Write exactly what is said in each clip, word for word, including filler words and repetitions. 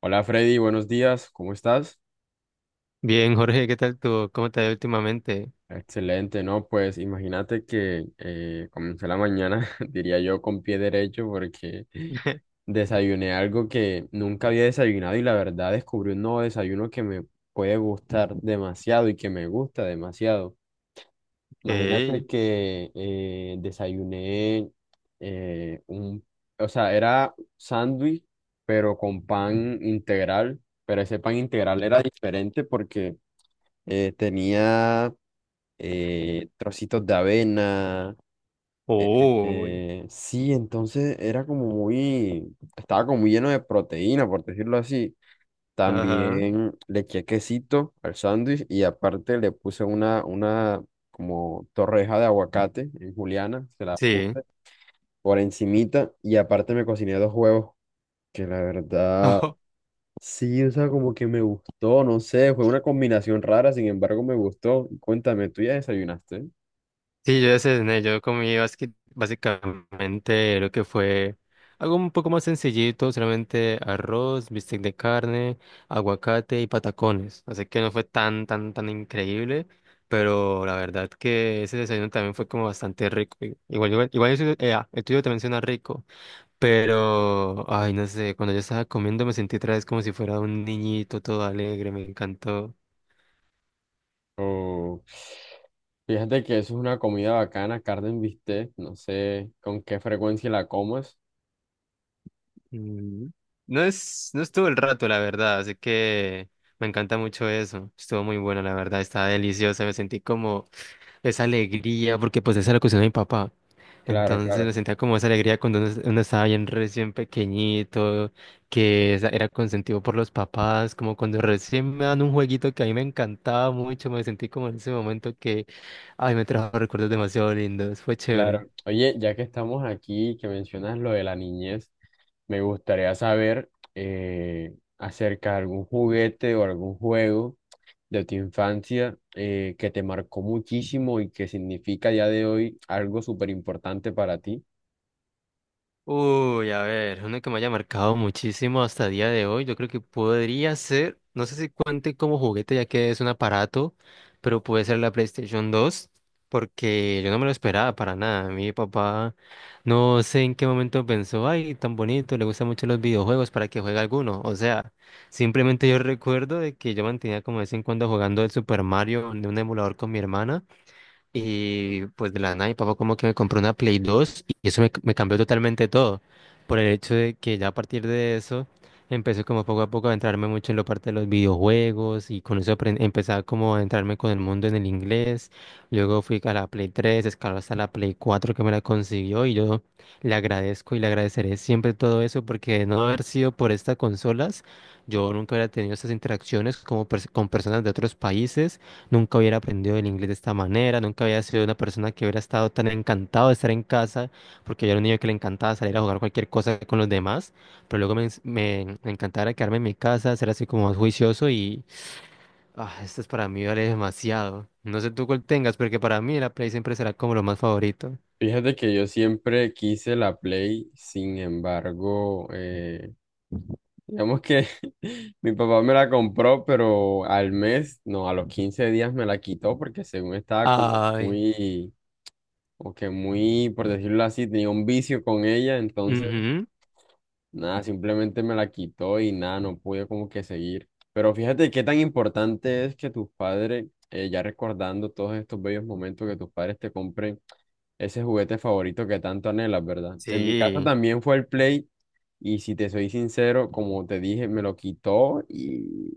Hola, Freddy, buenos días, ¿cómo estás? Bien, Jorge, ¿qué tal tú? ¿Cómo te ha ido últimamente? Excelente, ¿no? Pues imagínate que eh, comencé la mañana, diría yo, con pie derecho porque desayuné algo que nunca había desayunado y la verdad descubrí un nuevo desayuno que me puede gustar demasiado y que me gusta demasiado. Imagínate Ok. que eh, desayuné eh, un, o sea, era sándwich, pero con pan integral, pero ese pan integral era diferente porque Eh, tenía eh, trocitos de avena. eh, Uy. eh, sí, entonces era como muy, estaba como muy lleno de proteína, por decirlo así. Ajá. También le eché quesito al sándwich y aparte le puse una, una como torreja de aguacate en juliana, se la Sí. puse por encimita y aparte me cociné dos huevos, que la verdad Ojo. sí, o sea, como que me gustó, no sé, fue una combinación rara, sin embargo me gustó. Cuéntame, ¿tú ya desayunaste? Sí, yo ya cené. Yo comí basqui- básicamente lo que fue algo un poco más sencillito, solamente arroz, bistec de carne, aguacate y patacones. Así que no fue tan, tan, tan increíble, pero la verdad que ese desayuno también fue como bastante rico. I- Igual, igual, igual eso, eh, ah, el tuyo también suena rico. Pero, ay, no sé, cuando yo estaba comiendo me sentí otra vez como si fuera un niñito todo alegre, me encantó. O fíjate que eso es una comida bacana, carne en bistec, no sé con qué frecuencia la comas. Mm, No es, no estuvo el rato, la verdad, así que me encanta mucho eso. Estuvo muy bueno, la verdad, estaba deliciosa, me sentí como esa alegría, porque pues esa era la cuestión de mi papá. Claro, Entonces claro, me sentía como esa alegría cuando uno, uno estaba bien recién pequeñito, que esa- era consentido por los papás, como cuando recién me dan un jueguito que a mí me encantaba mucho, me sentí como en ese momento que, ay, me trajo recuerdos demasiado lindos, fue chévere. claro. Oye, ya que estamos aquí, que mencionas lo de la niñez. Me gustaría saber eh, acerca de algún juguete o algún juego de tu infancia eh, que te marcó muchísimo y que significa a día de hoy algo súper importante para ti. Uy, a ver, uno que me haya marcado muchísimo hasta el día de hoy, yo creo que podría ser, no sé si cuente como juguete ya que es un aparato, pero puede ser la PlayStation dos, porque yo no me lo esperaba para nada. Mi papá no sé en qué momento pensó, ay, tan bonito, le gustan mucho los videojuegos para que juegue alguno. O sea, simplemente yo recuerdo de que yo mantenía como de vez en cuando jugando el Super Mario de un emulador con mi hermana. Y pues de la nada, mi papá como que me compró una Play dos y eso me, me cambió totalmente todo. Por el hecho de que ya a partir de eso empecé como poco a poco a entrarme mucho en la parte de los videojuegos y con eso apren- empezaba como a entrarme con el mundo en el inglés. Luego fui a la Play tres, escaló hasta la Play cuatro que me la consiguió y yo le agradezco y le agradeceré siempre todo eso porque de no haber sido por estas consolas, yo nunca hubiera tenido esas interacciones como pers- con personas de otros países. Nunca hubiera aprendido el inglés de esta manera, nunca había sido una persona que hubiera estado tan encantado de estar en casa, porque yo era un niño que le encantaba salir a jugar cualquier cosa con los demás, pero luego me, ens- me, me encantaba quedarme en mi casa, ser así como más juicioso y ah, esto es para mí vale demasiado. No sé tú cuál tengas, porque para mí la Play siempre será como lo más favorito. Fíjate que yo siempre quise la Play, sin embargo, eh, digamos que mi papá me la compró, pero al mes, no, a los quince días me la quitó porque según estaba como Ay. muy, o que muy, por decirlo así, tenía un vicio con ella, entonces Ujú. nada, simplemente me la quitó y nada, no pude como que seguir. Pero fíjate qué tan importante es que tus padres, eh, ya recordando todos estos bellos momentos, que tus padres te compren ese juguete favorito que tanto anhelas, ¿verdad? En mi caso Sí. también fue el Play, y si te soy sincero, como te dije, me lo quitó y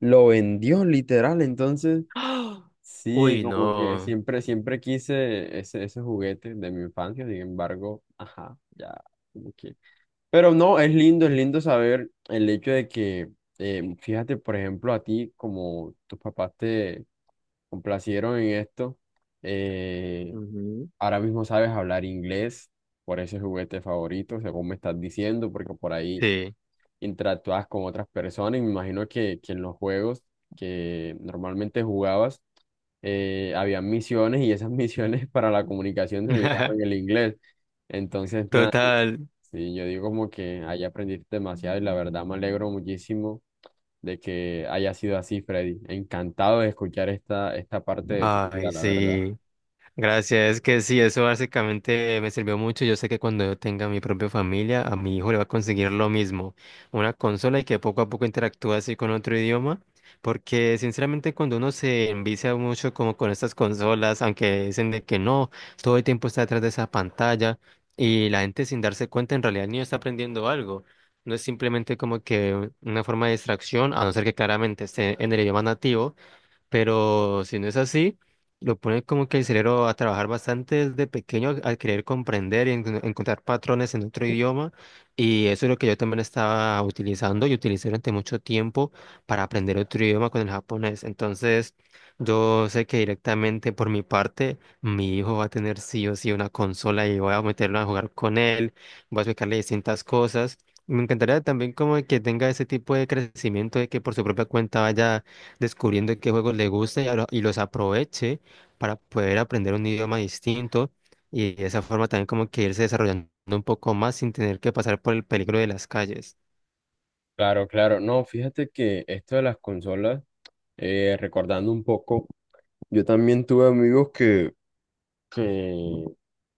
lo vendió literal. Entonces, ¡Ah! sí, Uy, como que no. siempre, siempre quise ese, ese juguete de mi infancia, sin embargo, ajá, ya. Como que pero no, es lindo, es lindo saber el hecho de que, eh, fíjate, por ejemplo, a ti, como tus papás te complacieron en esto, eh, Ujú. ahora mismo sabes hablar inglés, por ese juguete favorito, según me estás diciendo, porque por ahí Sí. interactúas con otras personas y me imagino que, que en los juegos que normalmente jugabas, eh, habían misiones y esas misiones para la comunicación necesitaban el inglés. Entonces, nada. Total. Sí, yo digo como que ahí aprendiste demasiado y la verdad me alegro muchísimo de que haya sido así, Freddy. Encantado de escuchar esta, esta parte de tu vida, Ay, la verdad. sí. Gracias, es que sí, eso básicamente me sirvió mucho. Yo sé que cuando yo tenga mi propia familia, a mi hijo le va a conseguir lo mismo, una consola y que poco a poco interactúe así con otro idioma, porque sinceramente cuando uno se envicia mucho como con estas consolas, aunque dicen de que no, todo el tiempo está detrás de esa pantalla y la gente sin darse cuenta en realidad el niño está aprendiendo algo. No es simplemente como que una forma de distracción, a no ser que claramente esté en el idioma nativo, pero si no es así, lo pone como que el cerebro a trabajar bastante desde pequeño al querer comprender y en- encontrar patrones en otro idioma, y eso es lo que yo también estaba utilizando y utilicé durante mucho tiempo para aprender otro idioma con el japonés. Entonces, yo sé que directamente por mi parte, mi hijo va a tener sí o sí una consola y voy a meterlo a jugar con él, voy a explicarle distintas cosas. Me encantaría también como que tenga ese tipo de crecimiento de que por su propia cuenta vaya descubriendo qué juegos le gusta y, ahora- y los aproveche para poder aprender un idioma distinto y de esa forma también como que irse desarrollando un poco más sin tener que pasar por el peligro de las calles. Claro, claro. No, fíjate que esto de las consolas, eh, recordando un poco, yo también tuve amigos que, que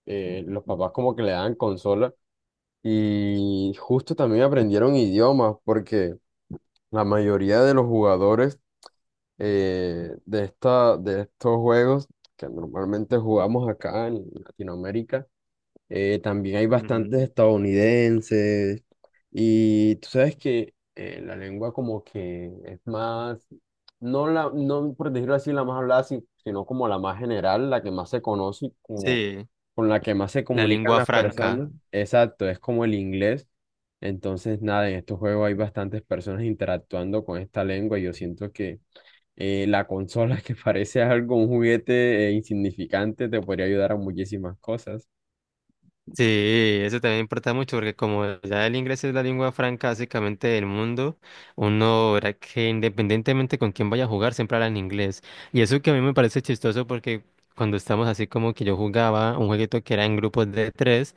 eh, los papás como que le daban consola y justo también aprendieron idiomas porque la mayoría de los jugadores eh, de esta, de estos juegos que normalmente jugamos acá en Latinoamérica. Eh, también hay bastantes Ujú. estadounidenses y tú sabes que eh, la lengua como que es más, no, la, no por decirlo así, la más hablada, si- sino como la más general, la que más se conoce y como Sí, con la que más se la comunican lengua las franca. personas. Exacto, es como el inglés. Entonces, nada, en estos juegos hay bastantes personas interactuando con esta lengua y yo siento que eh, la consola que parece algo, un juguete eh, insignificante, te podría ayudar a muchísimas cosas. Sí, eso también importa mucho porque como ya el inglés es la lengua franca básicamente del mundo, uno verá que independientemente con quién vaya a jugar siempre habla en inglés. Y eso que a mí me parece chistoso porque cuando estamos así como que yo jugaba un jueguito que era en grupos de tres,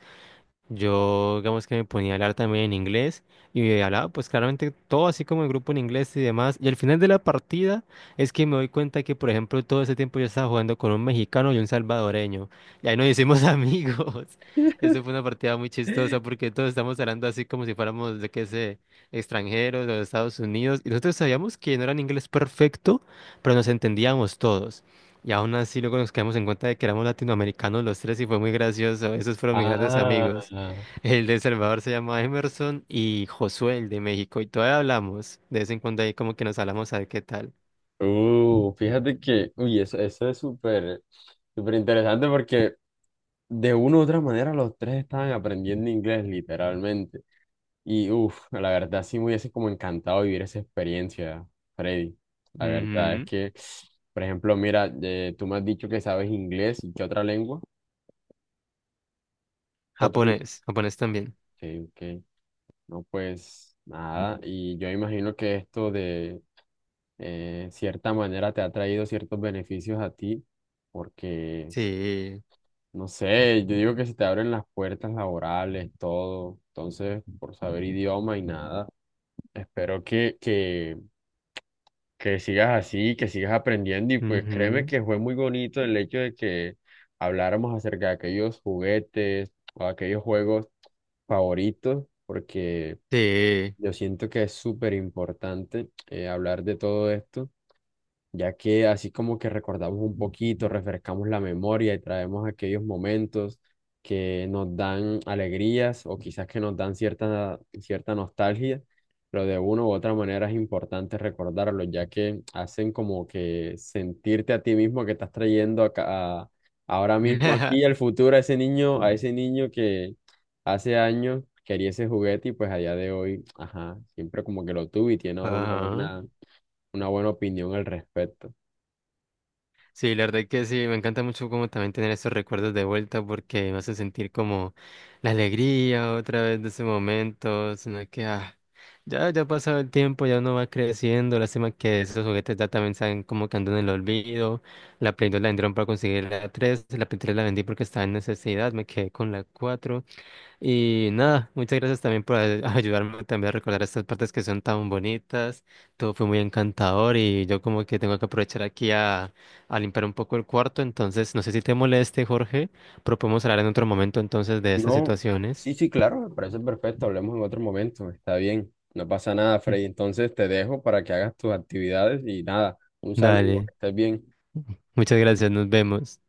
Yo, digamos que me ponía a hablar también en inglés y hablaba pues claramente todo así como el grupo en inglés y demás. Y al final de la partida es que me doy cuenta que, por ejemplo, todo ese tiempo yo estaba jugando con un mexicano y un salvadoreño. Y ahí nos hicimos amigos. Eso fue una partida muy chistosa porque todos estamos hablando así como si fuéramos, de qué sé, extranjeros de Estados Unidos. Y nosotros sabíamos que no era en inglés perfecto, pero nos entendíamos todos. Y aún así luego nos quedamos en cuenta de que éramos latinoamericanos los tres y fue muy gracioso. Esos fueron mis grandes Ah, amigos. El de El Salvador se llama Emerson y Josué, el de México, y todavía hablamos. De vez en cuando ahí como que nos hablamos a ver qué tal. uh, fíjate que, uy, eso, eso es súper, súper interesante porque de una u otra manera los tres estaban aprendiendo inglés literalmente. Y, uff, la verdad sí me hubiese como encantado vivir esa experiencia, Freddy. La verdad es Ujú. que, por ejemplo, mira, eh, tú me has dicho que sabes inglés y qué otra lengua, qué otro... idi- Japonés, japonés también. Sí, ok. No, pues nada, y yo imagino que esto de eh, cierta manera te ha traído ciertos beneficios a ti, porque, Sí. no sé, yo digo que se te abren las puertas laborales, todo, entonces, por saber idioma y nada, espero que, que que sigas así, que sigas aprendiendo y pues créeme Ujú. que fue muy bonito el hecho de que habláramos acerca de aquellos juguetes o aquellos juegos favoritos, porque Sí. yo siento que es súper importante eh, hablar de todo esto ya que así como que recordamos un poquito, refrescamos la memoria y traemos aquellos momentos que nos dan alegrías o quizás que nos dan cierta, cierta nostalgia, pero de una u otra manera es importante recordarlos, ya que hacen como que sentirte a ti mismo que estás trayendo acá, a- ahora mismo aquí al futuro a ese niño, a ese niño que hace años quería ese juguete y pues allá de hoy, ajá, siempre como que lo tuve y tiene ahora una Ajá. buena, una buena opinión al respecto. Sí, la verdad que sí, me encanta mucho como también tener esos recuerdos de vuelta porque me hace sentir como la alegría otra vez de ese momento, sino que ah, ya, ya ha pasado el tiempo, ya uno va creciendo, lástima que esos juguetes ya también saben como que andan en el olvido, la Play dos la vendieron para conseguir la tres, la Play tres la vendí porque estaba en necesidad, me quedé con la cuatro y nada, muchas gracias también por ay- ayudarme también a recordar estas partes que son tan bonitas. Todo fue muy encantador y yo como que tengo que aprovechar aquí a, a limpiar un poco el cuarto. Entonces, no sé si te moleste, Jorge, pero podemos hablar en otro momento entonces de estas No, situaciones. sí, sí, claro, me parece perfecto. Hablemos en otro momento, está bien. No pasa nada, Frey. Entonces te dejo para que hagas tus actividades y nada, un saludo, Dale, que estés bien. muchas gracias, nos vemos.